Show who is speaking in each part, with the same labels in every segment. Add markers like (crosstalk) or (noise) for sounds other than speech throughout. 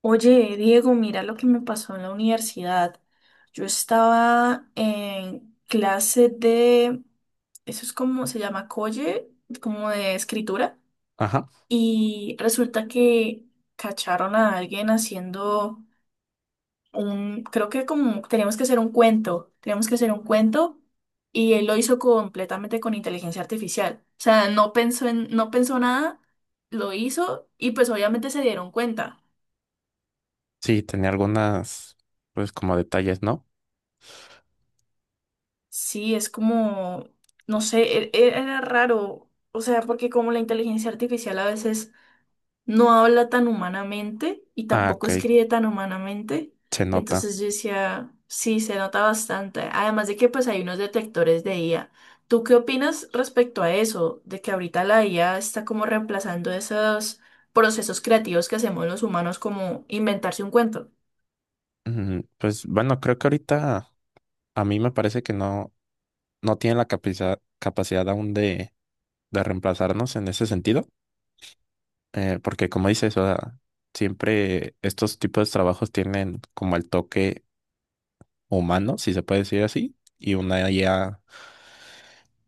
Speaker 1: Oye, Diego, mira lo que me pasó en la universidad. Yo estaba en clase de, eso es como se llama colle, como de escritura,
Speaker 2: Ajá.
Speaker 1: y resulta que cacharon a alguien haciendo creo que como teníamos que hacer un cuento, teníamos que hacer un cuento y él lo hizo completamente con inteligencia artificial. O sea, no pensó nada, lo hizo y pues obviamente se dieron cuenta.
Speaker 2: Sí, tenía algunas, pues como detalles, ¿no?
Speaker 1: Sí, es como, no sé, era raro, o sea, porque como la inteligencia artificial a veces no habla tan humanamente y
Speaker 2: Ah,
Speaker 1: tampoco
Speaker 2: ok,
Speaker 1: escribe tan humanamente,
Speaker 2: se nota.
Speaker 1: entonces yo decía, sí, se nota bastante, además de que pues hay unos detectores de IA. ¿Tú qué opinas respecto a eso, de que ahorita la IA está como reemplazando esos procesos creativos que hacemos los humanos, como inventarse un cuento?
Speaker 2: Pues bueno, creo que ahorita a mí me parece que no, no tiene la capacidad aún de reemplazarnos en ese sentido, porque como dices, o sea, siempre estos tipos de trabajos tienen como el toque humano, si se puede decir así, y una IA,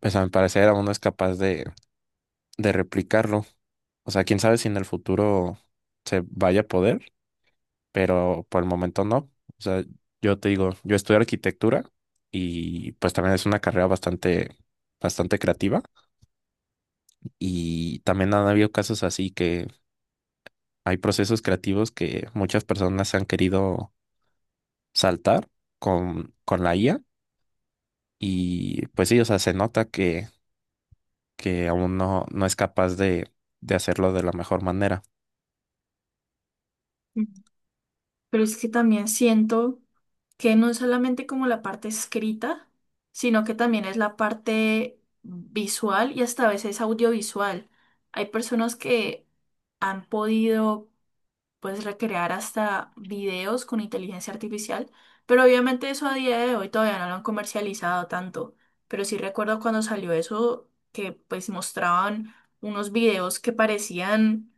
Speaker 2: pues a mi parecer aún no es capaz de replicarlo. O sea, quién sabe si en el futuro se vaya a poder, pero por el momento no. O sea, yo te digo, yo estudio arquitectura y pues también es una carrera bastante creativa y también han habido casos así que hay procesos creativos que muchas personas han querido saltar con la IA y pues sí, o sea, se nota que aún no, no es capaz de hacerlo de la mejor manera.
Speaker 1: Mm. Pero es que también siento que no es solamente como la parte escrita, sino que también es la parte visual y hasta a veces audiovisual. Hay personas que han podido pues recrear hasta videos con inteligencia artificial, pero obviamente eso a día de hoy todavía no lo han comercializado tanto. Pero sí recuerdo cuando salió eso que pues mostraban unos videos que parecían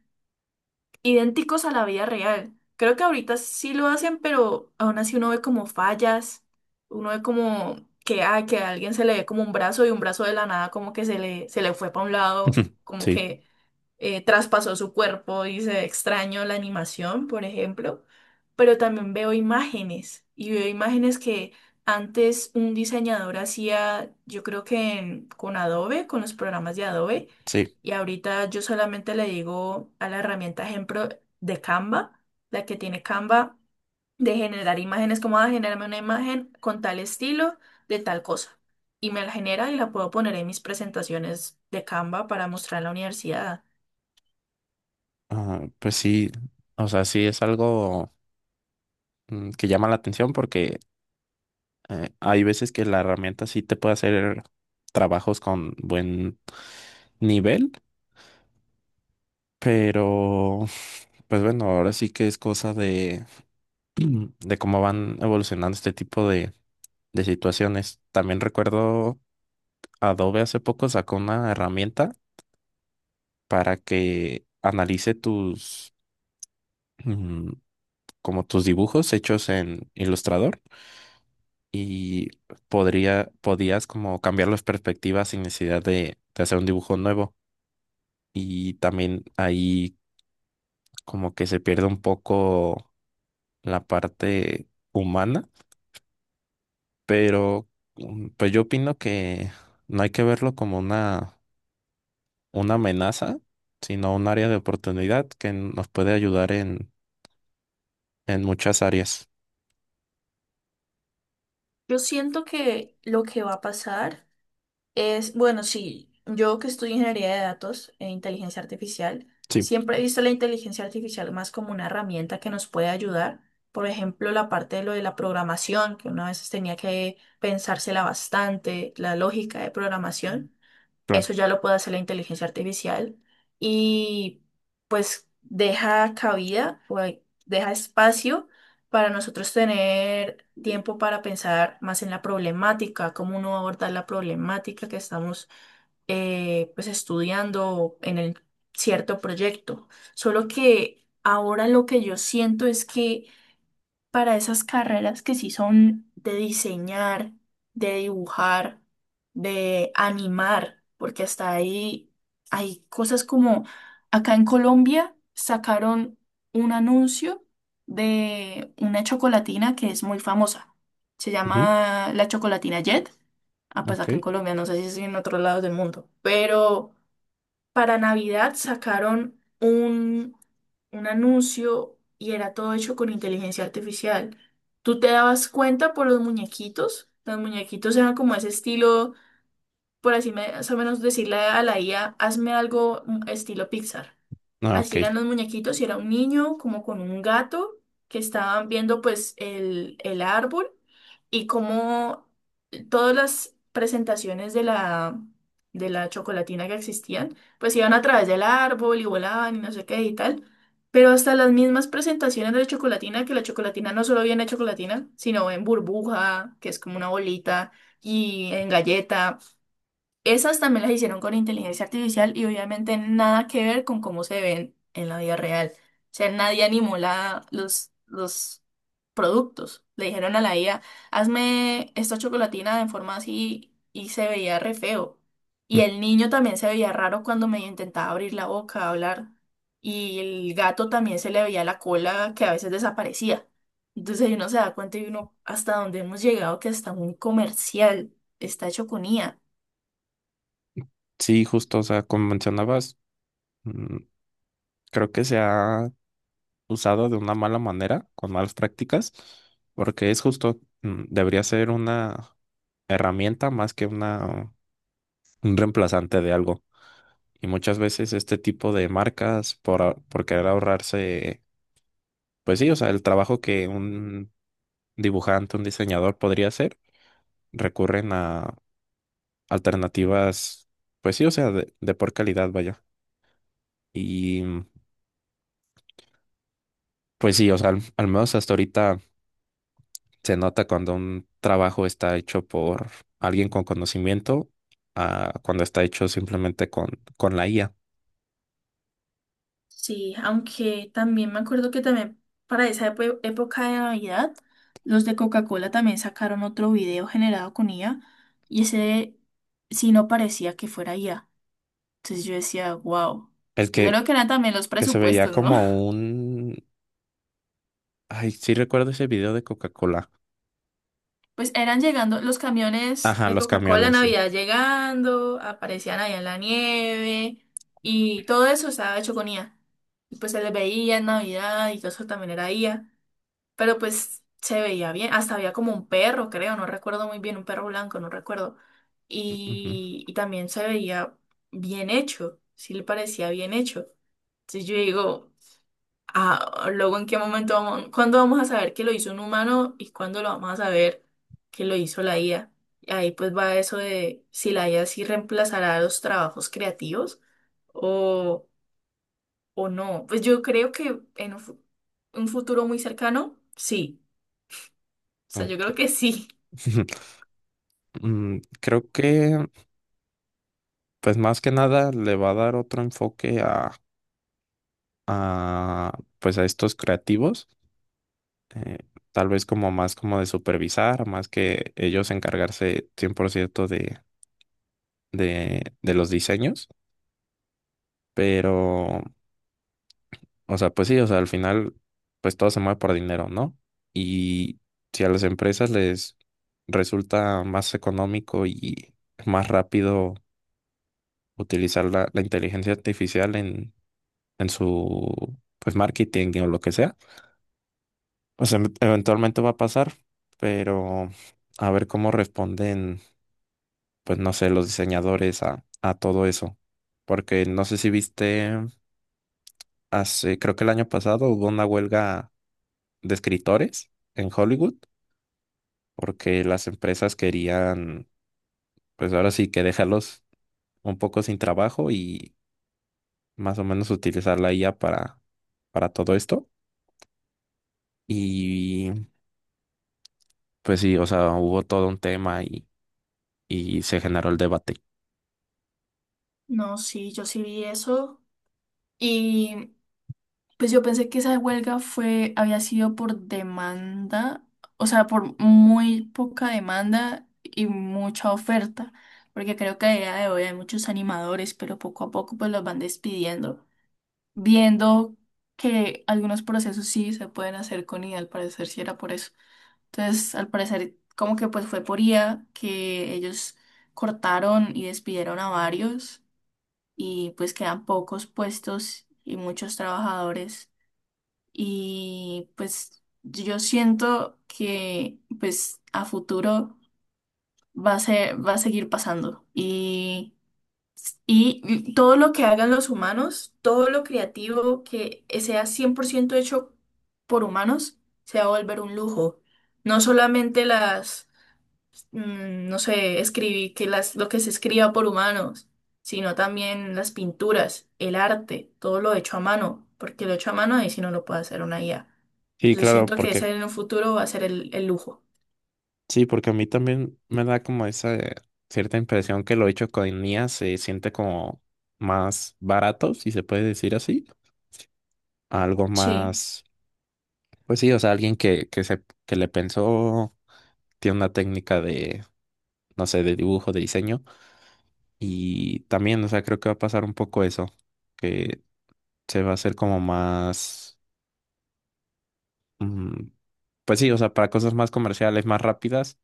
Speaker 1: idénticos a la vida real. Creo que ahorita sí lo hacen, pero aún así uno ve como fallas, uno ve como que, ah, que a alguien se le ve como un brazo y un brazo de la nada como que se le fue para un lado,
Speaker 2: (laughs)
Speaker 1: como
Speaker 2: Sí,
Speaker 1: que traspasó su cuerpo y se extraño la animación, por ejemplo, pero también veo imágenes y veo imágenes que antes un diseñador hacía, yo creo que con Adobe, con los programas de Adobe,
Speaker 2: sí.
Speaker 1: y ahorita yo solamente le digo a la herramienta ejemplo de Canva, la que tiene Canva, de generar imágenes, como a generarme una imagen con tal estilo, de tal cosa. Y me la genera y la puedo poner en mis presentaciones de Canva para mostrar en la universidad.
Speaker 2: Ah, pues sí, o sea, sí es algo que llama la atención porque hay veces que la herramienta sí te puede hacer trabajos con buen nivel, pero pues bueno, ahora sí que es cosa (clears throat) de cómo van evolucionando este tipo de situaciones. También recuerdo Adobe hace poco sacó una herramienta para que analice tus, mm, como tus dibujos hechos en Illustrator y podías como cambiar las perspectivas sin necesidad de hacer un dibujo nuevo. Y también ahí como que se pierde un poco la parte humana, pero pues yo opino que no hay que verlo como una amenaza, sino un área de oportunidad que nos puede ayudar en muchas áreas.
Speaker 1: Yo siento que lo que va a pasar es, bueno, sí, yo que estudio ingeniería de datos e inteligencia artificial,
Speaker 2: Sí,
Speaker 1: siempre he visto la inteligencia artificial más como una herramienta que nos puede ayudar. Por ejemplo, la parte de lo de la programación, que una vez tenía que pensársela bastante, la lógica de programación.
Speaker 2: claro.
Speaker 1: Eso ya lo puede hacer la inteligencia artificial y pues deja cabida o hay- deja espacio para nosotros tener tiempo para pensar más en la problemática, cómo uno va a abordar la problemática que estamos pues estudiando en el cierto proyecto. Solo que ahora lo que yo siento es que para esas carreras que sí son de diseñar, de dibujar, de animar, porque hasta ahí hay cosas como acá en Colombia sacaron un anuncio de una chocolatina que es muy famosa. Se
Speaker 2: Ujú,
Speaker 1: llama la chocolatina Jet. Ah, pues
Speaker 2: ok.
Speaker 1: acá en Colombia, no sé si es en otros lados del mundo, pero para Navidad sacaron un anuncio y era todo hecho con inteligencia artificial. Tú te dabas cuenta por los muñequitos. Los muñequitos eran como ese estilo por así más o menos decirle a la IA, hazme algo estilo Pixar.
Speaker 2: Ah, ok.
Speaker 1: Así eran los muñequitos y era un niño como con un gato que estaban viendo pues el árbol y como todas las presentaciones de de la chocolatina que existían, pues iban a través del árbol y volaban y no sé qué y tal. Pero hasta las mismas presentaciones de la chocolatina, que la chocolatina no solo viene en chocolatina, sino en burbuja, que es como una bolita, y en galleta. Esas también las hicieron con inteligencia artificial y obviamente nada que ver con cómo se ven en la vida real. O sea, nadie animó los productos. Le dijeron a la IA, hazme esta chocolatina de forma así y se veía re feo. Y
Speaker 2: Mm.
Speaker 1: el niño también se veía raro cuando me intentaba abrir la boca, hablar. Y el gato también se le veía la cola que a veces desaparecía. Entonces ahí uno se da cuenta y uno hasta dónde hemos llegado que está muy comercial, está hecho con IA.
Speaker 2: Sí, justo, o sea, como mencionabas, mm, creo que se ha usado de una mala manera, con malas prácticas, porque es justo, debería ser una herramienta más que una, un reemplazante de algo. Y muchas veces este tipo de marcas, por querer ahorrarse, pues sí, o sea, el trabajo que un dibujante, un diseñador podría hacer, recurren a alternativas, pues sí, o sea, de por calidad, vaya. Y pues sí, o sea, al menos hasta ahorita se nota cuando un trabajo está hecho por alguien con conocimiento a cuando está hecho simplemente con la IA.
Speaker 1: Sí, aunque también me acuerdo que también para esa época de Navidad, los de Coca-Cola también sacaron otro video generado con IA y ese sí no parecía que fuera IA. Entonces yo decía, wow.
Speaker 2: El
Speaker 1: Yo
Speaker 2: que,
Speaker 1: creo que eran también los
Speaker 2: que se veía
Speaker 1: presupuestos, ¿no? (laughs)
Speaker 2: como un... Ay, sí recuerdo ese video de Coca-Cola.
Speaker 1: Pues eran llegando los camiones
Speaker 2: Ajá,
Speaker 1: de
Speaker 2: los
Speaker 1: Coca-Cola en
Speaker 2: camiones, sí.
Speaker 1: Navidad llegando, aparecían allá en la nieve y todo eso estaba hecho con IA. Y pues se les veía en Navidad y todo eso también era IA. Pero pues se veía bien, hasta había como un perro, creo, no recuerdo muy bien, un perro blanco, no recuerdo.
Speaker 2: Ujú,
Speaker 1: Y también se veía bien hecho, sí le parecía bien hecho. Entonces yo digo, ah, luego en qué momento vamos, cuándo vamos a saber que lo hizo un humano y cuándo lo vamos a saber que lo hizo la IA. Y ahí pues va eso de si la IA sí reemplazará los trabajos creativos o, o no. Pues yo creo que en un un futuro muy cercano, sí sea, yo
Speaker 2: ok.
Speaker 1: creo que sí.
Speaker 2: (laughs) Mm, creo que, pues más que nada, le va a dar otro enfoque a, pues a estos creativos. eh, Tal vez como más como de supervisar, más que ellos encargarse 100% de los diseños. Pero o sea, pues sí, o sea, al final, pues todo se mueve por dinero, ¿no? Y si a las empresas les resulta más económico y más rápido utilizar la inteligencia artificial en su, pues, marketing o lo que sea, pues eventualmente va a pasar, pero a ver cómo responden, pues, no sé, los diseñadores a todo eso. Porque no sé si viste, hace, creo que el año pasado hubo una huelga de escritores en Hollywood porque las empresas querían, pues ahora sí que dejarlos un poco sin trabajo y más o menos utilizar la IA para todo esto. Y pues sí, o sea, hubo todo un tema y se generó el debate.
Speaker 1: No, sí, yo sí vi eso. Y pues yo pensé que esa huelga fue, había sido por demanda, o sea, por muy poca demanda y mucha oferta, porque creo que a día de hoy hay muchos animadores, pero poco a poco pues los van despidiendo, viendo que algunos procesos sí se pueden hacer con IA, al parecer sí era por eso. Entonces, al parecer como que pues fue por IA que ellos cortaron y despidieron a varios. Y pues quedan pocos puestos y muchos trabajadores y pues yo siento que pues a futuro va a ser, va a seguir pasando y todo lo que hagan los humanos, todo lo creativo que sea 100% hecho por humanos, se va a volver un lujo. No solamente las no sé, escribí, que lo que se escriba por humanos, sino también las pinturas, el arte, todo lo hecho a mano, porque lo hecho a mano ahí si no lo puede hacer una IA.
Speaker 2: Sí,
Speaker 1: Entonces
Speaker 2: claro,
Speaker 1: siento que ese
Speaker 2: porque
Speaker 1: en un futuro va a ser el lujo.
Speaker 2: sí, porque a mí también me da como esa cierta impresión que lo hecho con IA se siente como más barato, si se puede decir así, algo
Speaker 1: Sí,
Speaker 2: más, pues sí, o sea, alguien que le pensó, tiene una técnica de no sé, de dibujo, de diseño. Y también, o sea, creo que va a pasar un poco eso, que se va a hacer como más, mm, pues sí, o sea, para cosas más comerciales, más rápidas,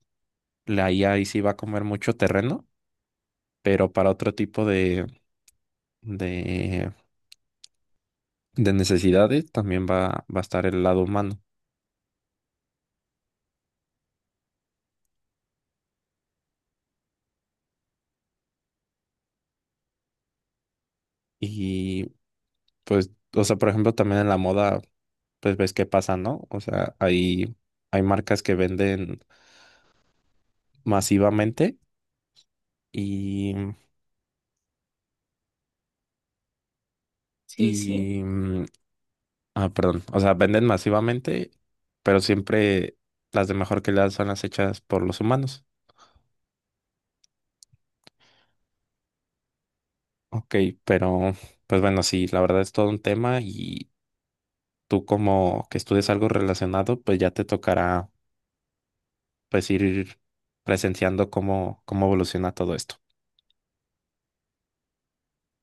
Speaker 2: la IA ahí sí va a comer mucho terreno, pero para otro tipo de, de necesidades también va a estar el lado humano. Y pues, o sea, por ejemplo, también en la moda, pues ves qué pasa, ¿no? O sea, hay marcas que venden masivamente y,
Speaker 1: sí, sí.
Speaker 2: y, mm, ah, perdón. O sea, venden masivamente, pero siempre las de mejor calidad son las hechas por los humanos. Ok, pero pues bueno, sí, la verdad es todo un tema y tú como que estudias algo relacionado, pues ya te tocará pues ir presenciando cómo evoluciona todo esto.